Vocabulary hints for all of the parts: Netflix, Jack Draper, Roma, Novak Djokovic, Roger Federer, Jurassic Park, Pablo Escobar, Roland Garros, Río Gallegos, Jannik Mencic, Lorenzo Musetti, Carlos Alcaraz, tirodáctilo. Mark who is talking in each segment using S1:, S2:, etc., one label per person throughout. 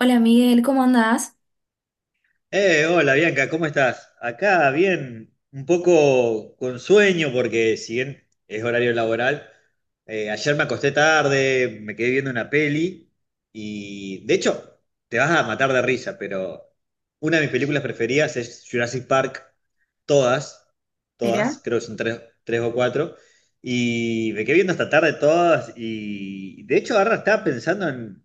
S1: Hola Miguel, ¿cómo andás?
S2: Hola Bianca, ¿cómo estás? Acá bien, un poco con sueño porque si bien es horario laboral, ayer me acosté tarde, me quedé viendo una peli y de hecho te vas a matar de risa, pero una de mis películas preferidas es Jurassic Park, todas,
S1: Mira.
S2: todas, creo que son tres, tres o cuatro, y me quedé viendo hasta tarde todas y de hecho ahora estaba pensando en,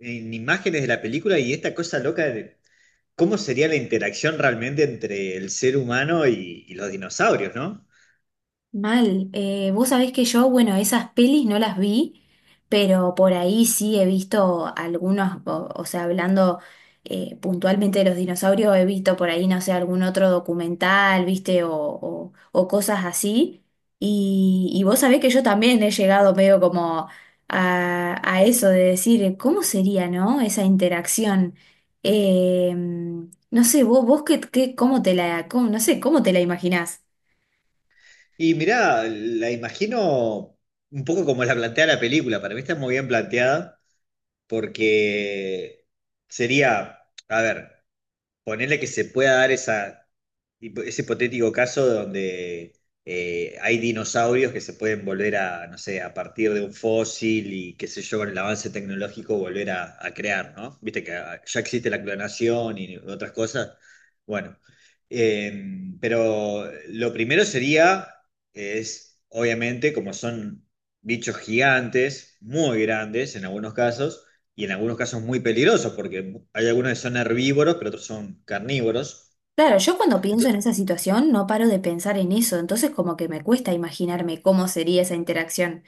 S2: en imágenes de la película y esta cosa loca de cómo sería la interacción realmente entre el ser humano y los dinosaurios, ¿no?
S1: Mal. Vos sabés que yo, bueno, esas pelis no las vi, pero por ahí sí he visto algunos, o sea, hablando puntualmente de los dinosaurios, he visto por ahí, no sé, algún otro documental, viste, o cosas así. Y vos sabés que yo también he llegado medio como a eso de decir, ¿cómo sería, no? Esa interacción. Eh, no sé, vos qué, cómo te la, no sé, cómo te la imaginás.
S2: Y mirá, la imagino un poco como la plantea la película, para mí está muy bien planteada, porque sería, a ver, ponerle que se pueda dar esa, ese hipotético caso donde hay dinosaurios que se pueden volver a, no sé, a partir de un fósil y qué sé yo, con el avance tecnológico volver a crear, ¿no? Viste que ah, ya existe la clonación y otras cosas. Bueno, pero lo primero sería, es, obviamente, como son bichos gigantes, muy grandes en algunos casos, y en algunos casos muy peligrosos, porque hay algunos que son herbívoros, pero otros son carnívoros.
S1: Claro, yo cuando pienso en
S2: Entonces,
S1: esa situación no paro de pensar en eso, entonces como que me cuesta imaginarme cómo sería esa interacción.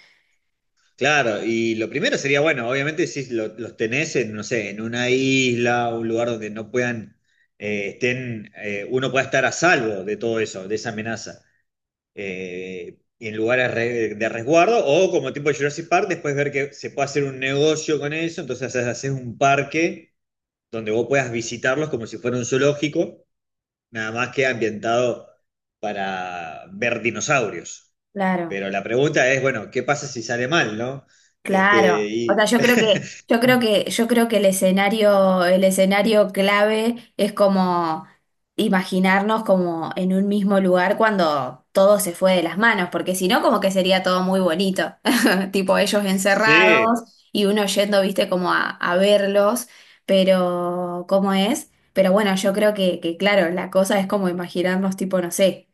S2: claro, y lo primero sería, bueno, obviamente si los tenés en, no sé, en una isla, un lugar donde no puedan, estén, uno pueda estar a salvo de todo eso, de esa amenaza. Y en lugares de resguardo, o como tipo Jurassic Park, después ver que se puede hacer un negocio con eso, entonces haces un parque donde vos puedas visitarlos como si fuera un zoológico. Nada más que ambientado para ver dinosaurios.
S1: Claro,
S2: Pero la pregunta es, bueno, ¿qué pasa si sale mal, no? Este,
S1: claro. O
S2: y
S1: sea, yo creo que, yo creo que, yo creo que el escenario clave es como imaginarnos como en un mismo lugar cuando todo se fue de las manos, porque si no, como que sería todo muy bonito. Tipo ellos
S2: sí,
S1: encerrados y uno yendo, viste, como a verlos, pero ¿cómo es? Pero bueno, yo creo que, claro, la cosa es como imaginarnos, tipo, no sé,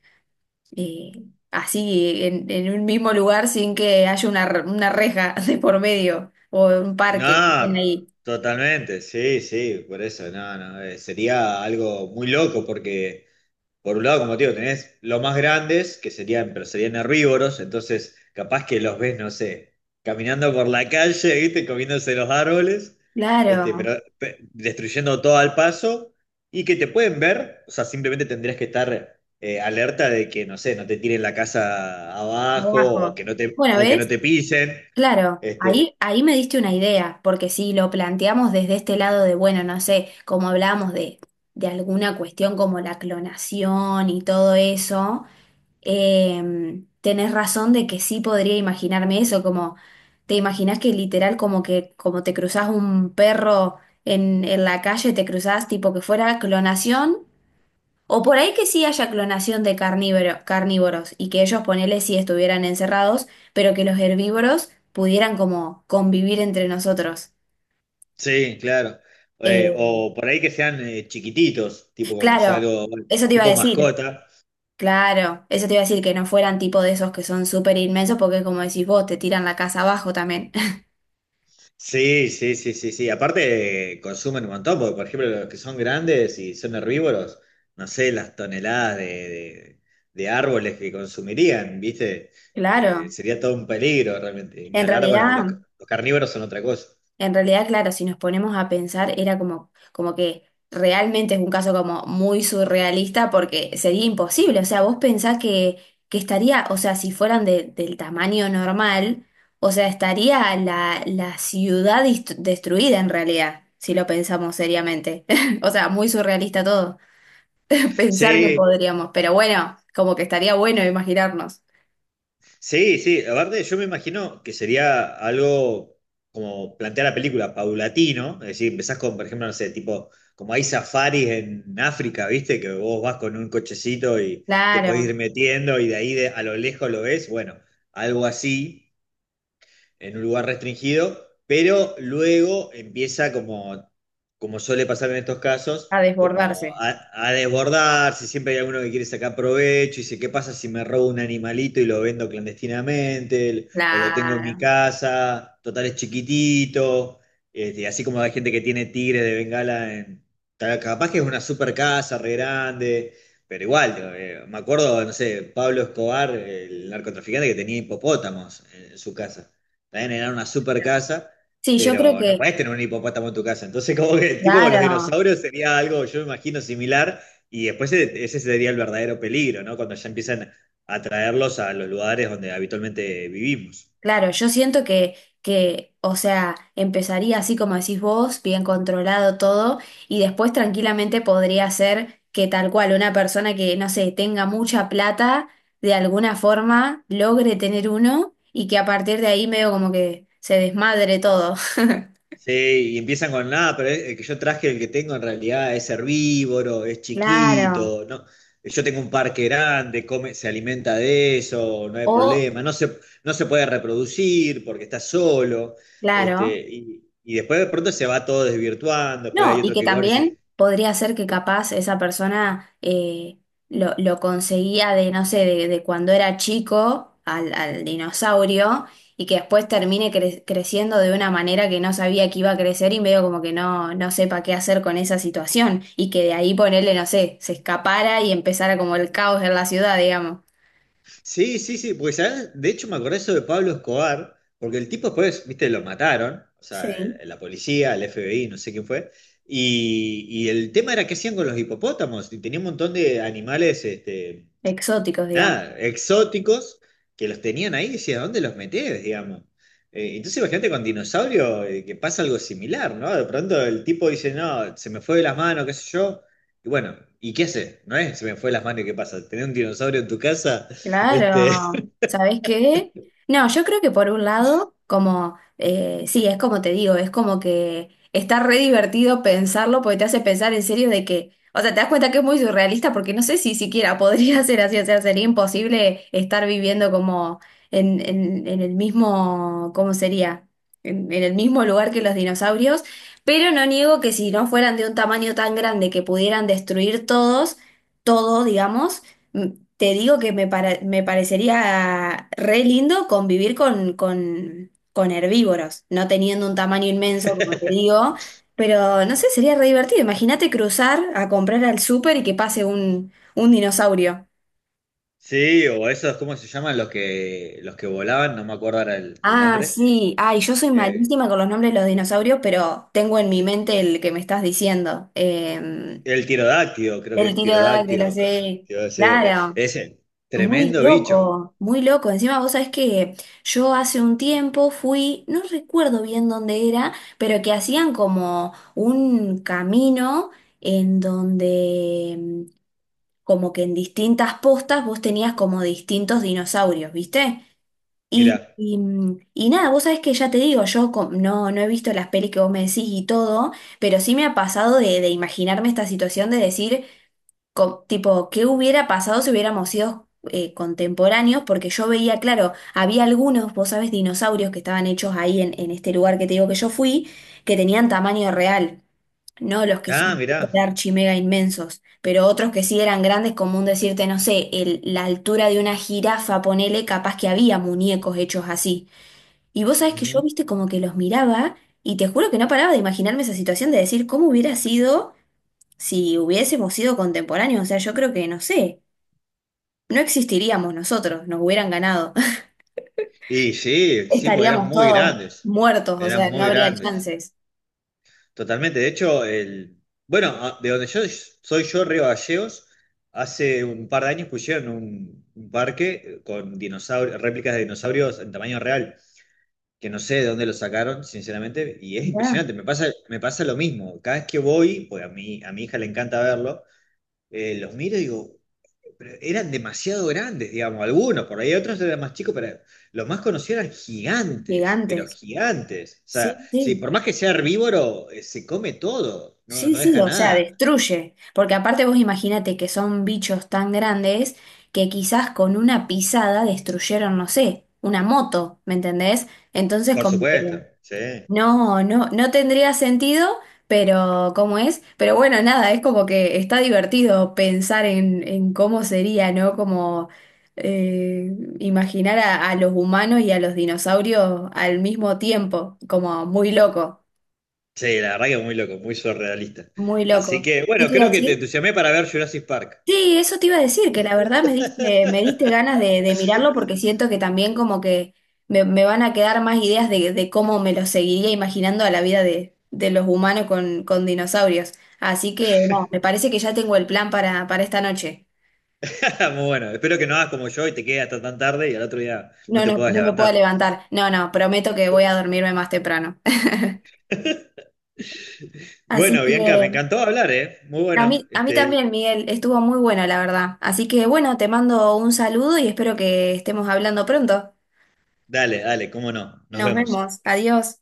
S1: eh, así en un mismo lugar sin que haya una, una reja de por medio o un parque que
S2: no,
S1: estén ahí.
S2: totalmente, sí, sí, por eso, no, no, sería algo muy loco porque, por un lado, como te digo, tenés los más grandes, que serían, pero serían herbívoros, entonces capaz que los ves, no sé, caminando por la calle, ¿viste? Comiéndose los árboles, este,
S1: Claro,
S2: pero destruyendo todo al paso, y que te pueden ver, o sea, simplemente tendrías que estar alerta de que, no sé, no te tiren la casa abajo, o
S1: abajo.
S2: que no te,
S1: Bueno,
S2: o que no
S1: ¿ves?
S2: te pisen.
S1: Claro,
S2: Este,
S1: ahí, ahí me diste una idea, porque si lo planteamos desde este lado de, bueno, no sé, como hablábamos de alguna cuestión como la clonación y todo eso, tenés razón de que sí podría imaginarme eso, como te imaginás que literal como que como te cruzás un perro en la calle, te cruzás tipo que fuera clonación o por ahí que sí haya clonación de carnívoros y que ellos ponele si estuvieran encerrados, pero que los herbívoros pudieran como convivir entre nosotros.
S2: sí, claro.
S1: Eh,
S2: O por ahí que sean chiquititos, tipo como sea
S1: claro,
S2: algo, bueno,
S1: eso te iba a
S2: tipo
S1: decir,
S2: mascota.
S1: claro, eso te iba a decir que no fueran tipo de esos que son súper inmensos porque como decís vos, te tiran la casa abajo también.
S2: Sí, sí, sí, sí, sí. Aparte consumen un montón, porque por ejemplo los que son grandes y son herbívoros, no sé, las toneladas de árboles que consumirían, ¿viste?
S1: Claro,
S2: Sería todo un peligro realmente. Ni
S1: en
S2: hablar, bueno,
S1: realidad...
S2: los carnívoros son otra cosa.
S1: En realidad, claro, si nos ponemos a pensar, era como, como que realmente es un caso como muy surrealista porque sería imposible. O sea, vos pensás que estaría, o sea, si fueran del tamaño normal, o sea, estaría la, la ciudad destruida en realidad, si lo pensamos seriamente. O sea, muy surrealista todo. Pensar que
S2: Sí,
S1: podríamos, pero bueno, como que estaría bueno imaginarnos.
S2: sí, sí, aparte yo me imagino que sería algo como plantear la película paulatino, es decir, empezás con, por ejemplo, no sé, tipo, como hay safaris en África, ¿viste? Que vos vas con un cochecito y te podés ir
S1: Claro,
S2: metiendo y de ahí a lo lejos lo ves, bueno, algo así, en un lugar restringido, pero luego empieza como, como suele pasar en estos casos,
S1: a
S2: como
S1: desbordarse.
S2: a desbordarse, siempre hay alguno que quiere sacar provecho y dice, ¿qué pasa si me robo un animalito y lo vendo clandestinamente? O lo tengo en mi
S1: Claro.
S2: casa, total es chiquitito. Este, así como hay gente que tiene tigres de Bengala en... Capaz que es una super casa re grande, pero igual, me acuerdo, no sé, Pablo Escobar, el narcotraficante que tenía hipopótamos en su casa. También era una super
S1: Claro.
S2: casa,
S1: Sí, yo creo
S2: pero no
S1: que,
S2: podés tener un hipopótamo en tu casa. Entonces, como que tipo con los
S1: claro.
S2: dinosaurios sería algo, yo me imagino, similar. Y después ese sería el verdadero peligro, ¿no? Cuando ya empiezan a traerlos a los lugares donde habitualmente vivimos.
S1: Claro, yo siento que, o sea, empezaría así como decís vos, bien controlado todo, y después tranquilamente podría ser que tal cual una persona que, no sé, tenga mucha plata, de alguna forma logre tener uno y que a partir de ahí medio como que se desmadre todo.
S2: Sí, y empiezan con nada, pero el que yo traje, el que tengo en realidad es herbívoro, es
S1: Claro.
S2: chiquito, no, yo tengo un parque grande, come, se alimenta de eso, no hay
S1: O,
S2: problema, no se, no se puede reproducir porque está solo, este,
S1: claro.
S2: y después de pronto se va todo desvirtuando, después
S1: No,
S2: hay
S1: y
S2: otro
S1: que
S2: que gana y
S1: también
S2: dice,
S1: podría ser que capaz esa persona lo conseguía de, no sé, de cuando era chico al, al dinosaurio y que después termine creciendo de una manera que no sabía que iba a crecer y medio como que no, no sepa qué hacer con esa situación y que de ahí ponerle, no sé, se escapara y empezara como el caos en la ciudad, digamos.
S2: sí, sí, sí, porque ¿sabes? De hecho me acordé eso de Pablo Escobar, porque el tipo después, viste, lo mataron, o sea,
S1: Sí.
S2: la policía, el FBI, no sé quién fue, y el tema era qué hacían con los hipopótamos, y tenía un montón de animales, este,
S1: Exóticos, digamos.
S2: nada, exóticos, que los tenían ahí, y decía, ¿dónde los metés, digamos? Entonces imagínate con dinosaurio que pasa algo similar, ¿no? De pronto el tipo dice, no, se me fue de las manos, qué sé yo, y bueno, ¿y qué haces? ¿No es? Se me fue de las manos, ¿y ¿qué pasa? ¿Tener un dinosaurio en tu casa? Este,
S1: Claro, ¿sabes qué? No, yo creo que por un lado, como, sí, es como te digo, es como que está re divertido pensarlo porque te hace pensar en serio de que, o sea, te das cuenta que es muy surrealista porque no sé si siquiera podría ser así, o sea, sería imposible estar viviendo como en el mismo, ¿cómo sería? En el mismo lugar que los dinosaurios, pero no niego que si no fueran de un tamaño tan grande que pudieran destruir todos, todo, digamos. Mm, te digo que me, me parecería re lindo convivir con herbívoros, no teniendo un tamaño inmenso, como te digo, pero no sé, sería re divertido. Imagínate cruzar a comprar al súper y que pase un dinosaurio.
S2: sí, o esos, ¿cómo se llaman? Los que volaban, no me acuerdo ahora el
S1: Ah,
S2: nombre.
S1: sí, ay, yo soy
S2: Eh,
S1: malísima con los nombres de los dinosaurios, pero tengo en mi mente el que me estás diciendo.
S2: el tirodáctilo, creo que
S1: El
S2: es
S1: tiro de
S2: tirodáctilo.
S1: los...
S2: Que va
S1: Claro.
S2: ese,
S1: Muy
S2: tremendo bicho.
S1: loco, muy loco. Encima vos sabés que yo hace un tiempo fui, no recuerdo bien dónde era, pero que hacían como un camino en donde como que en distintas postas vos tenías como distintos dinosaurios, ¿viste?
S2: Mirá.
S1: Y nada, vos sabés que ya te digo, no, no he visto las pelis que vos me decís y todo, pero sí me ha pasado de imaginarme esta situación de decir tipo, ¿qué hubiera pasado si hubiéramos sido contemporáneos? Porque yo veía, claro, había algunos, vos sabés, dinosaurios que estaban hechos ahí en este lugar que te digo que yo fui, que tenían tamaño real, no los que
S2: Ah,
S1: son super
S2: mirá.
S1: archi mega inmensos, pero otros que sí eran grandes, como un decirte, no sé, la altura de una jirafa, ponele, capaz que había muñecos hechos así. Y vos sabés que yo,
S2: Ujú.
S1: viste, como que los miraba. Y te juro que no paraba de imaginarme esa situación de decir cómo hubiera sido si hubiésemos sido contemporáneos, o sea, yo creo que, no sé, no existiríamos nosotros, nos hubieran ganado.
S2: Y sí, sí, porque eran
S1: Estaríamos
S2: muy
S1: todos
S2: grandes.
S1: muertos, o
S2: Eran
S1: sea, no
S2: muy
S1: habría
S2: grandes.
S1: chances.
S2: Totalmente. De hecho, el, bueno, de donde yo soy yo, Río Gallegos, hace un par de años pusieron un parque con dinosaurios, réplicas de dinosaurios en tamaño real. Que no sé de dónde lo sacaron, sinceramente, y es
S1: Mirá,
S2: impresionante. Me pasa lo mismo. Cada vez que voy, pues a mí, a mi hija le encanta verlo, los miro y digo, pero eran demasiado grandes, digamos, algunos, por ahí otros eran más chicos, pero los más conocidos eran gigantes, pero
S1: gigantes.
S2: gigantes. O sea,
S1: Sí,
S2: sí,
S1: sí.
S2: por más que sea herbívoro, se come todo, no,
S1: Sí,
S2: no
S1: sí,
S2: deja
S1: o sea,
S2: nada.
S1: destruye. Porque aparte vos imaginate que son bichos tan grandes que quizás con una pisada destruyeron, no sé, una moto, ¿me entendés? Entonces
S2: Por
S1: como que
S2: supuesto, sí.
S1: no, no, no tendría sentido, pero ¿cómo es? Pero bueno, nada, es como que está divertido pensar en cómo sería, ¿no? Como imaginar a los humanos y a los dinosaurios al mismo tiempo, como muy loco,
S2: Sí, la verdad que muy loco, muy surrealista.
S1: muy
S2: Así
S1: loco.
S2: que,
S1: ¿Qué
S2: bueno,
S1: te iba a
S2: creo que te
S1: decir?
S2: entusiasmé para ver Jurassic Park.
S1: Sí, eso te iba a decir, que la verdad me diste ganas de mirarlo porque siento que también como que me van a quedar más ideas de cómo me lo seguiría imaginando a la vida de los humanos con dinosaurios. Así que no, me parece que ya tengo el plan para esta noche.
S2: Muy bueno, espero que no hagas como yo y te quedes hasta tan tarde y al otro día no
S1: No,
S2: te
S1: no,
S2: puedas
S1: no me puedo
S2: levantar.
S1: levantar. No, no, prometo que voy a dormirme más temprano. Así
S2: Bueno,
S1: que
S2: Bianca, me encantó hablar, ¿eh? Muy bueno.
S1: a mí
S2: Este,
S1: también, Miguel, estuvo muy bueno, la verdad. Así que bueno, te mando un saludo y espero que estemos hablando pronto.
S2: dale, dale, cómo no. Nos
S1: Nos
S2: vemos.
S1: vemos. Adiós.